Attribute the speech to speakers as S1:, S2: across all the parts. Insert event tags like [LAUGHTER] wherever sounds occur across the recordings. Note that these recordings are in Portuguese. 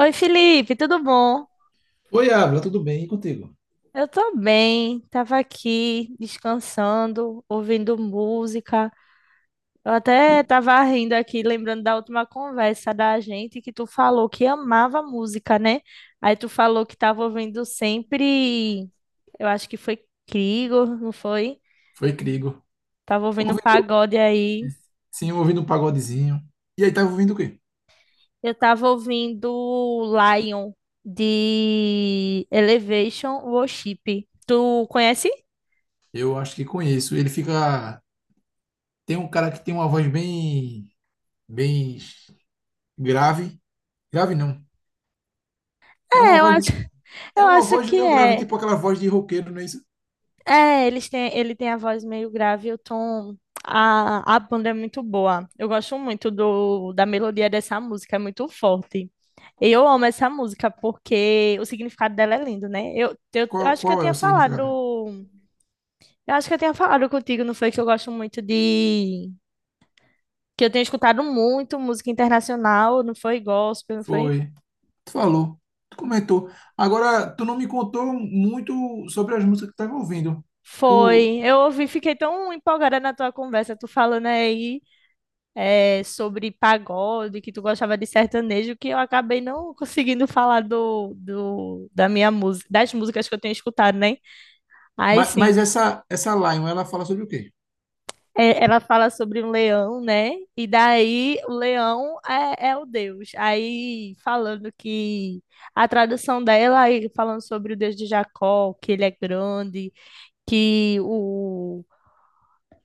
S1: Oi, Felipe, tudo bom?
S2: Oi, Abra, tudo bem? E contigo?
S1: Eu tô bem, tava aqui descansando, ouvindo música. Eu
S2: E
S1: até tava rindo aqui, lembrando da última conversa da gente que tu falou que amava música, né? Aí tu falou que tava ouvindo sempre, eu acho que foi Krieger, não foi?
S2: foi Crigo.
S1: Tava ouvindo um
S2: Ouvindo,
S1: pagode aí.
S2: sim, ouvindo um pagodezinho. E aí tava ouvindo o quê?
S1: Eu tava ouvindo Lion de Elevation Worship. Tu conhece?
S2: Eu acho que conheço. Ele fica. Tem um cara que tem uma voz bem grave. Grave não. É
S1: É,
S2: uma
S1: eu
S2: voz.
S1: acho. [LAUGHS] Eu
S2: É uma
S1: acho
S2: voz
S1: que
S2: meio grave,
S1: é.
S2: tipo aquela voz de roqueiro, não é isso?
S1: É, eles têm, ele tem a voz meio grave, e o tom. A banda é muito boa. Eu gosto muito da melodia dessa música, é muito forte. E eu amo essa música porque o significado dela é lindo, né? Eu
S2: Qual,
S1: acho que
S2: qual
S1: eu
S2: é
S1: tinha
S2: o significado?
S1: falado. Eu acho que eu tinha falado contigo, não foi? Que eu gosto muito de. Que eu tenho escutado muito música internacional, não foi gospel, não foi?
S2: Foi. Tu falou. Tu comentou. Agora, tu não me contou muito sobre as músicas que tu tava ouvindo. Tu.
S1: Foi. Eu ouvi, fiquei tão empolgada na tua conversa, tu falando aí. É, sobre pagode, que tu gostava de sertanejo, que eu acabei não [LAUGHS] conseguindo falar da minha música, das músicas que eu tenho escutado, né? Aí
S2: Mas,
S1: sim.
S2: mas essa Lion, ela fala sobre o quê?
S1: É, ela fala sobre um leão, né? E daí o leão é o Deus. Aí falando que a tradução dela, aí falando sobre o Deus de Jacó, que ele é grande, que o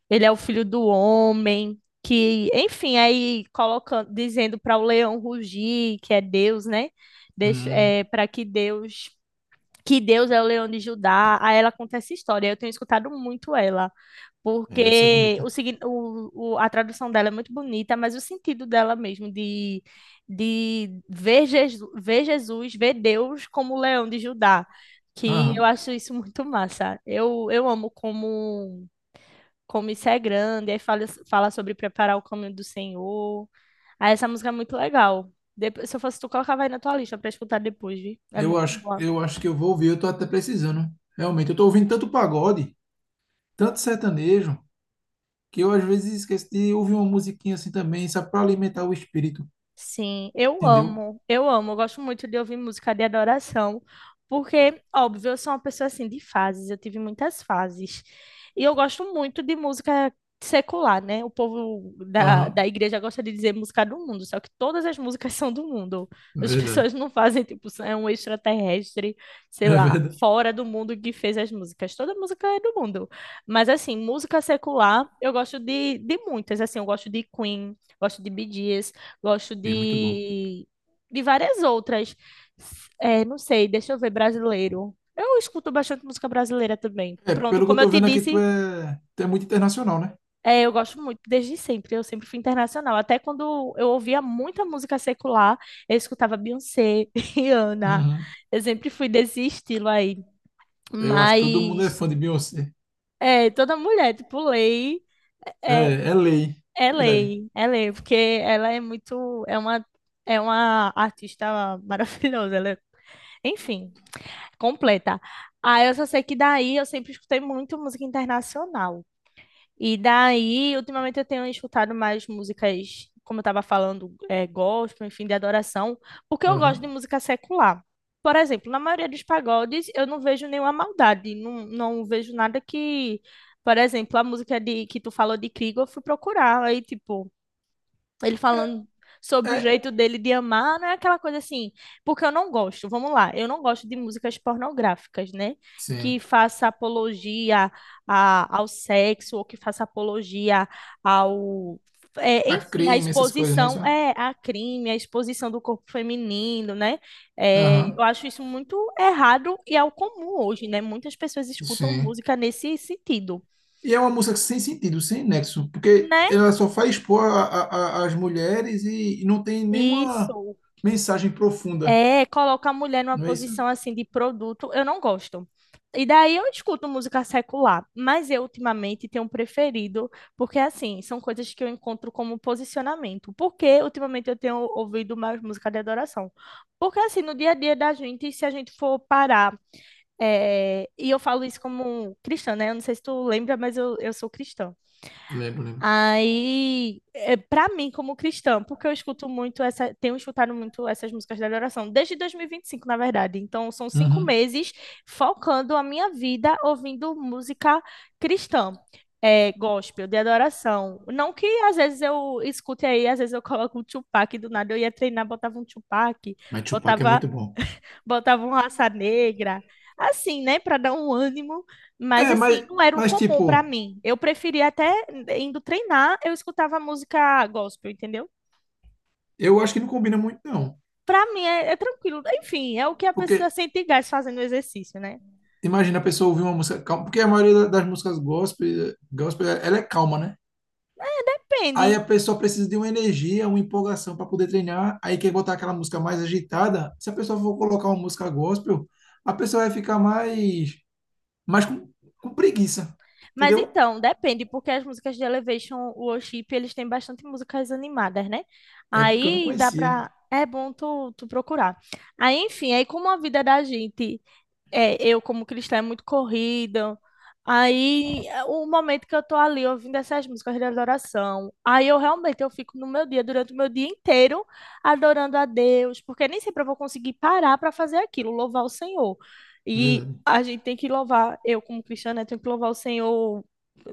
S1: ele é o filho do homem, que, enfim, aí colocando, dizendo para o leão rugir, que é Deus, né?
S2: Hum.
S1: Para que Deus é o leão de Judá. Aí ela conta essa história. Eu tenho escutado muito ela,
S2: É, deve ser
S1: porque
S2: bonita.
S1: o, signi- o- a tradução dela é muito bonita, mas o sentido dela mesmo de, ver Jesus, ver Jesus, ver Deus como o leão de Judá, que eu
S2: Aham.
S1: acho isso muito massa. Eu amo como isso é grande, aí fala sobre preparar o caminho do Senhor. Aí essa música é muito legal. Depois, se eu fosse tu, colocava aí na tua lista pra escutar depois, viu? É
S2: Eu
S1: muito
S2: acho,
S1: boa.
S2: eu acho que eu vou ouvir, eu tô até precisando. Realmente, eu tô ouvindo tanto pagode, tanto sertanejo, que eu às vezes esqueço de ouvir uma musiquinha assim também, só pra alimentar o espírito,
S1: Sim, eu
S2: entendeu?
S1: amo, eu amo, eu gosto muito de ouvir música de adoração, porque, óbvio, eu sou uma pessoa assim de fases, eu tive muitas fases. E eu gosto muito de música secular, né? O povo da,
S2: Aham,
S1: da igreja gosta de dizer música do mundo, só que todas as músicas [LAUGHS] são do mundo. As
S2: verdade.
S1: pessoas não fazem, tipo, é um extraterrestre,
S2: [LAUGHS]
S1: sei
S2: É
S1: lá,
S2: verdade.
S1: fora do mundo que fez as músicas. Toda música é do mundo. Mas, assim, música secular, eu gosto de muitas, assim, eu gosto de Queen, gosto de Bee Gees. Gosto
S2: É muito bom.
S1: de várias outras. É, não sei, deixa eu ver, brasileiro. Eu escuto bastante música brasileira também.
S2: É,
S1: Pronto,
S2: pelo que eu
S1: como eu
S2: tô
S1: te
S2: vendo aqui, tu
S1: disse,
S2: é, tu é muito internacional, né?
S1: é, eu gosto muito desde sempre. Eu sempre fui internacional. Até quando eu ouvia muita música secular, eu escutava Beyoncé, [LAUGHS] Rihanna.
S2: Uhum.
S1: Eu sempre fui desse estilo aí.
S2: Eu acho que todo mundo é
S1: Mas
S2: fã de Beyoncé.
S1: é, toda mulher, tipo, lei é,
S2: É, é lei.
S1: é
S2: Verdade.
S1: lei, é lei, porque ela é muito, é uma artista [LAUGHS] maravilhosa, enfim, completa. Ah, eu só sei que daí eu sempre escutei muito música internacional. E daí, ultimamente eu tenho escutado mais músicas, como eu estava falando, é, gospel, enfim, de adoração, porque eu gosto de
S2: Aham.
S1: música secular. Por exemplo, na maioria dos pagodes eu não vejo nenhuma maldade, não, não vejo nada que, por exemplo, a música de, que tu falou de Krieg, eu fui procurar, aí tipo ele falando sobre o
S2: É,
S1: jeito dele de amar, não é aquela coisa assim, porque eu não gosto, vamos lá, eu não gosto de músicas pornográficas, né? Que
S2: sim.
S1: faça apologia ao sexo ou que faça apologia ao. É,
S2: A
S1: enfim, a
S2: crime, essas coisas, né? Isso?
S1: exposição é a crime, a exposição do corpo feminino, né? É,
S2: Aham,
S1: eu acho isso muito errado e é o comum hoje, né? Muitas pessoas escutam
S2: sim.
S1: música nesse sentido,
S2: E é uma música sem sentido, sem nexo, porque
S1: né?
S2: ela só faz expor as mulheres e não tem nenhuma
S1: Isso.
S2: mensagem profunda,
S1: É, coloca a mulher numa
S2: não é isso?
S1: posição assim de produto, eu não gosto. E daí eu escuto música secular, mas eu ultimamente tenho preferido, porque assim, são coisas que eu encontro como posicionamento. Porque ultimamente eu tenho ouvido mais música de adoração. Porque assim, no dia a dia da gente, se a gente for parar, é, e eu falo isso como cristã, né? Eu não sei se tu lembra, mas eu sou cristã.
S2: Lembro, lembro.
S1: Aí, é, para mim, como cristã, porque eu escuto muito essa, tenho escutado muito essas músicas da adoração, desde dois mil e vinte e cinco, na verdade. Então, são cinco
S2: Uhum.
S1: meses focando a minha vida ouvindo música cristã, é, gospel, de adoração. Não que às vezes eu escute aí, às vezes eu coloco um Tupac, do nada eu ia treinar, botava um Tupac,
S2: Mas Tupac é
S1: botava
S2: muito bom.
S1: botavam raça negra, assim, né, para dar um ânimo, mas
S2: É,
S1: assim, não era um
S2: mas
S1: comum
S2: tipo,
S1: para mim. Eu preferia até indo treinar, eu escutava música gospel, entendeu?
S2: eu acho que não combina muito, não.
S1: Para mim é tranquilo. Enfim, é o que a pessoa
S2: Porque
S1: sente gás fazendo exercício, né?
S2: imagina a pessoa ouvir uma música calma, porque a maioria das músicas gospel, ela é calma, né? Aí
S1: Depende.
S2: a pessoa precisa de uma energia, uma empolgação para poder treinar, aí quer botar aquela música mais agitada. Se a pessoa for colocar uma música gospel, a pessoa vai ficar mais mas com, com preguiça,
S1: Mas
S2: entendeu?
S1: então, depende, porque as músicas de Elevation Worship, eles têm bastante músicas animadas, né?
S2: É porque eu não
S1: Aí dá pra.
S2: conhecia.
S1: É bom tu procurar. Aí, enfim, aí como a vida da gente é, eu como cristã é muito corrida. Aí, é, o momento que eu tô ali ouvindo essas músicas de adoração, aí eu realmente eu fico no meu dia, durante o meu dia inteiro, adorando a Deus, porque nem sempre eu vou conseguir parar para fazer aquilo, louvar o Senhor. E
S2: Verdade.
S1: a gente tem que louvar, eu como cristã, né, tenho que louvar o Senhor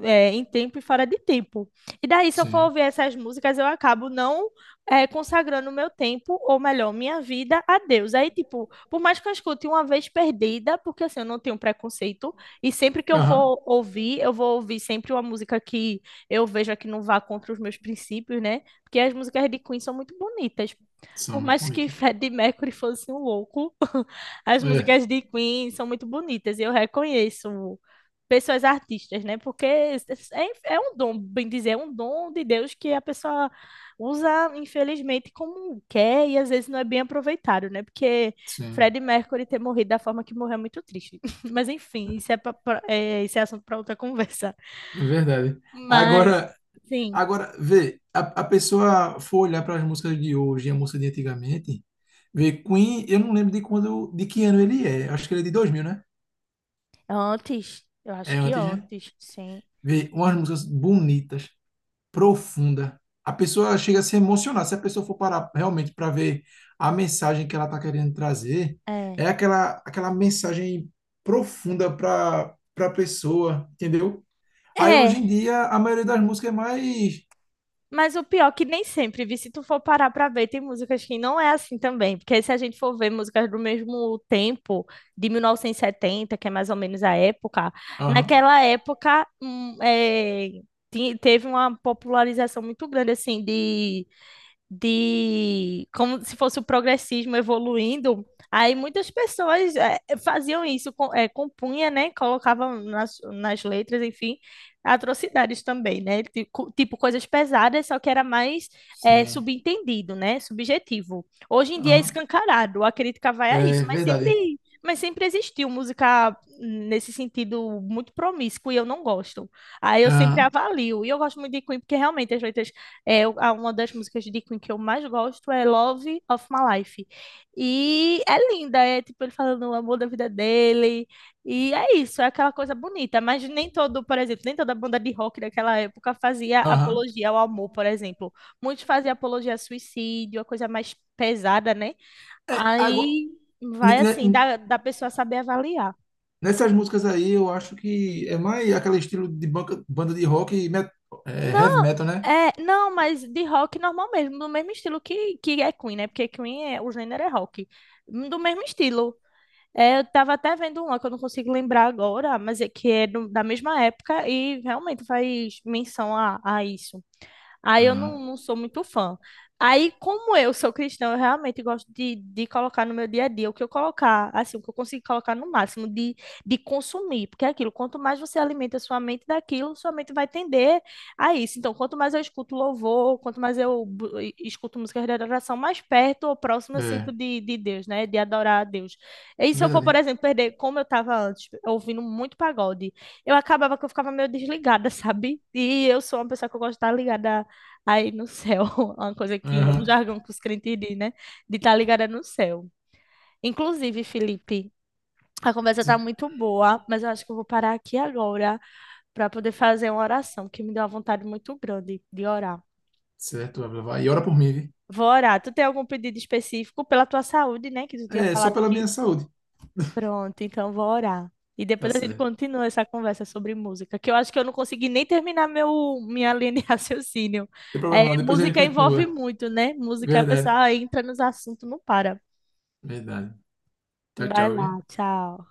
S1: é, em tempo e fora de tempo. E daí, se eu for
S2: Sim.
S1: ouvir essas músicas, eu acabo não é, consagrando o meu tempo, ou melhor, minha vida a Deus. Aí, tipo, por mais que eu escute uma vez perdida, porque assim, eu não tenho preconceito, e sempre que
S2: Aham.
S1: eu vou ouvir sempre uma música que eu veja que não vá contra os meus princípios, né? Porque as músicas de Queen são muito bonitas.
S2: São
S1: Por
S2: muito
S1: mais que
S2: bonitas.
S1: Freddie Mercury fosse um louco, as
S2: É,
S1: músicas de Queen são muito bonitas e eu reconheço pessoas artistas, né? Porque é um dom, bem dizer, é um dom de Deus que a pessoa usa, infelizmente, como quer e às vezes não é bem aproveitado, né? Porque
S2: sim.
S1: Freddie Mercury ter morrido da forma que morreu é muito triste. [LAUGHS] Mas enfim, isso é assunto para outra conversa.
S2: É verdade.
S1: Mas,
S2: Agora,
S1: sim,
S2: agora vê, a pessoa for olhar para as músicas de hoje e a música de antigamente, vê, Queen, eu não lembro de quando, de que ano ele é. Acho que ele é de 2000, né?
S1: antes, eu acho
S2: É
S1: que
S2: antes, né?
S1: antes, sim.
S2: Vê, umas músicas bonitas. Profunda. A pessoa chega a se emocionar. Se a pessoa for parar realmente para ver a mensagem que ela está querendo trazer,
S1: É.
S2: é aquela mensagem profunda para a pessoa, entendeu? Aí hoje
S1: É,
S2: em dia a maioria das músicas é mais.
S1: mas o pior é que nem sempre, vi, se tu for parar pra ver, tem músicas que não é assim também, porque se a gente for ver músicas do mesmo tempo, de 1970 que é mais ou menos a época,
S2: Aham,
S1: naquela época é, teve uma popularização muito grande, assim, de como se fosse o progressismo evoluindo. Aí muitas pessoas faziam isso, compunha, né? Colocavam nas letras, enfim, atrocidades também, né? Tipo coisas pesadas, só que era mais
S2: sim.
S1: subentendido, né? Subjetivo. Hoje em dia é
S2: Aham,
S1: escancarado, a crítica vai a
S2: é
S1: isso, mas
S2: verdade.
S1: sempre, mas sempre existiu música nesse sentido muito promíscuo e eu não gosto. Aí eu sempre
S2: Aham,
S1: avalio. E eu gosto muito de Queen porque realmente as letras uma das músicas de Queen que eu mais gosto é Love of My Life. E é linda, é tipo ele falando o amor da vida dele. E é isso, é aquela coisa bonita. Mas nem todo, por exemplo, nem toda banda de rock daquela época fazia
S2: aham.
S1: apologia ao amor, por exemplo. Muitos faziam apologia ao suicídio, a coisa mais pesada, né?
S2: É, agora,
S1: Aí
S2: ne-
S1: vai assim,
S2: ne-
S1: da pessoa saber avaliar.
S2: nessas músicas aí eu acho que é mais aquele estilo de banda de rock e heavy
S1: Não,
S2: metal, né?
S1: é, não, mas de rock normal mesmo, do mesmo estilo que é Queen, né? Porque Queen é, o gênero é rock. Do mesmo estilo. É, eu tava até vendo uma que eu não consigo lembrar agora, mas é que é da mesma época e realmente faz menção a isso. Aí eu não,
S2: Ah,
S1: não sou muito fã. Aí, como eu sou cristã, eu realmente gosto de colocar no meu dia a dia o que eu colocar, assim, o que eu consigo colocar no máximo de consumir, porque é aquilo, quanto mais você alimenta sua mente daquilo, sua mente vai tender a isso. Então, quanto mais eu escuto louvor, quanto mais eu escuto músicas de adoração, mais perto ou próximo eu sinto
S2: é,
S1: de Deus, né? De adorar a Deus. E
S2: é
S1: se eu for, por
S2: verdade.
S1: exemplo, perder, como eu estava antes, ouvindo muito pagode, eu acabava que eu ficava meio desligada, [LAUGHS] sabe? E eu sou uma pessoa que eu gosto de estar ligada aí no céu, [LAUGHS] uma coisa que, um
S2: Aham,
S1: jargão que os crentes dizem, né? De estar ligada no céu. Inclusive, Felipe, a conversa tá
S2: sim.
S1: muito boa, mas eu acho que eu vou parar aqui agora para poder fazer uma oração, que me deu uma vontade muito grande de orar.
S2: Certo, vai levar. E ora por mim, viu?
S1: Vou orar. Tu tem algum pedido específico pela tua saúde, né? Que tu tinha
S2: É, só
S1: falado
S2: pela
S1: que.
S2: minha saúde.
S1: Pronto, então vou orar. E
S2: Tá
S1: depois a gente
S2: certo.
S1: continua essa conversa sobre música, que eu acho que eu não consegui nem terminar minha linha de [LAUGHS] raciocínio.
S2: Não tem
S1: É,
S2: problema não, depois a gente
S1: música envolve
S2: continua.
S1: muito, né? Música, a
S2: Verdade,
S1: pessoa entra nos assuntos, não para.
S2: verdade. Tchau,
S1: Vai
S2: tchau, viu?
S1: lá, tchau.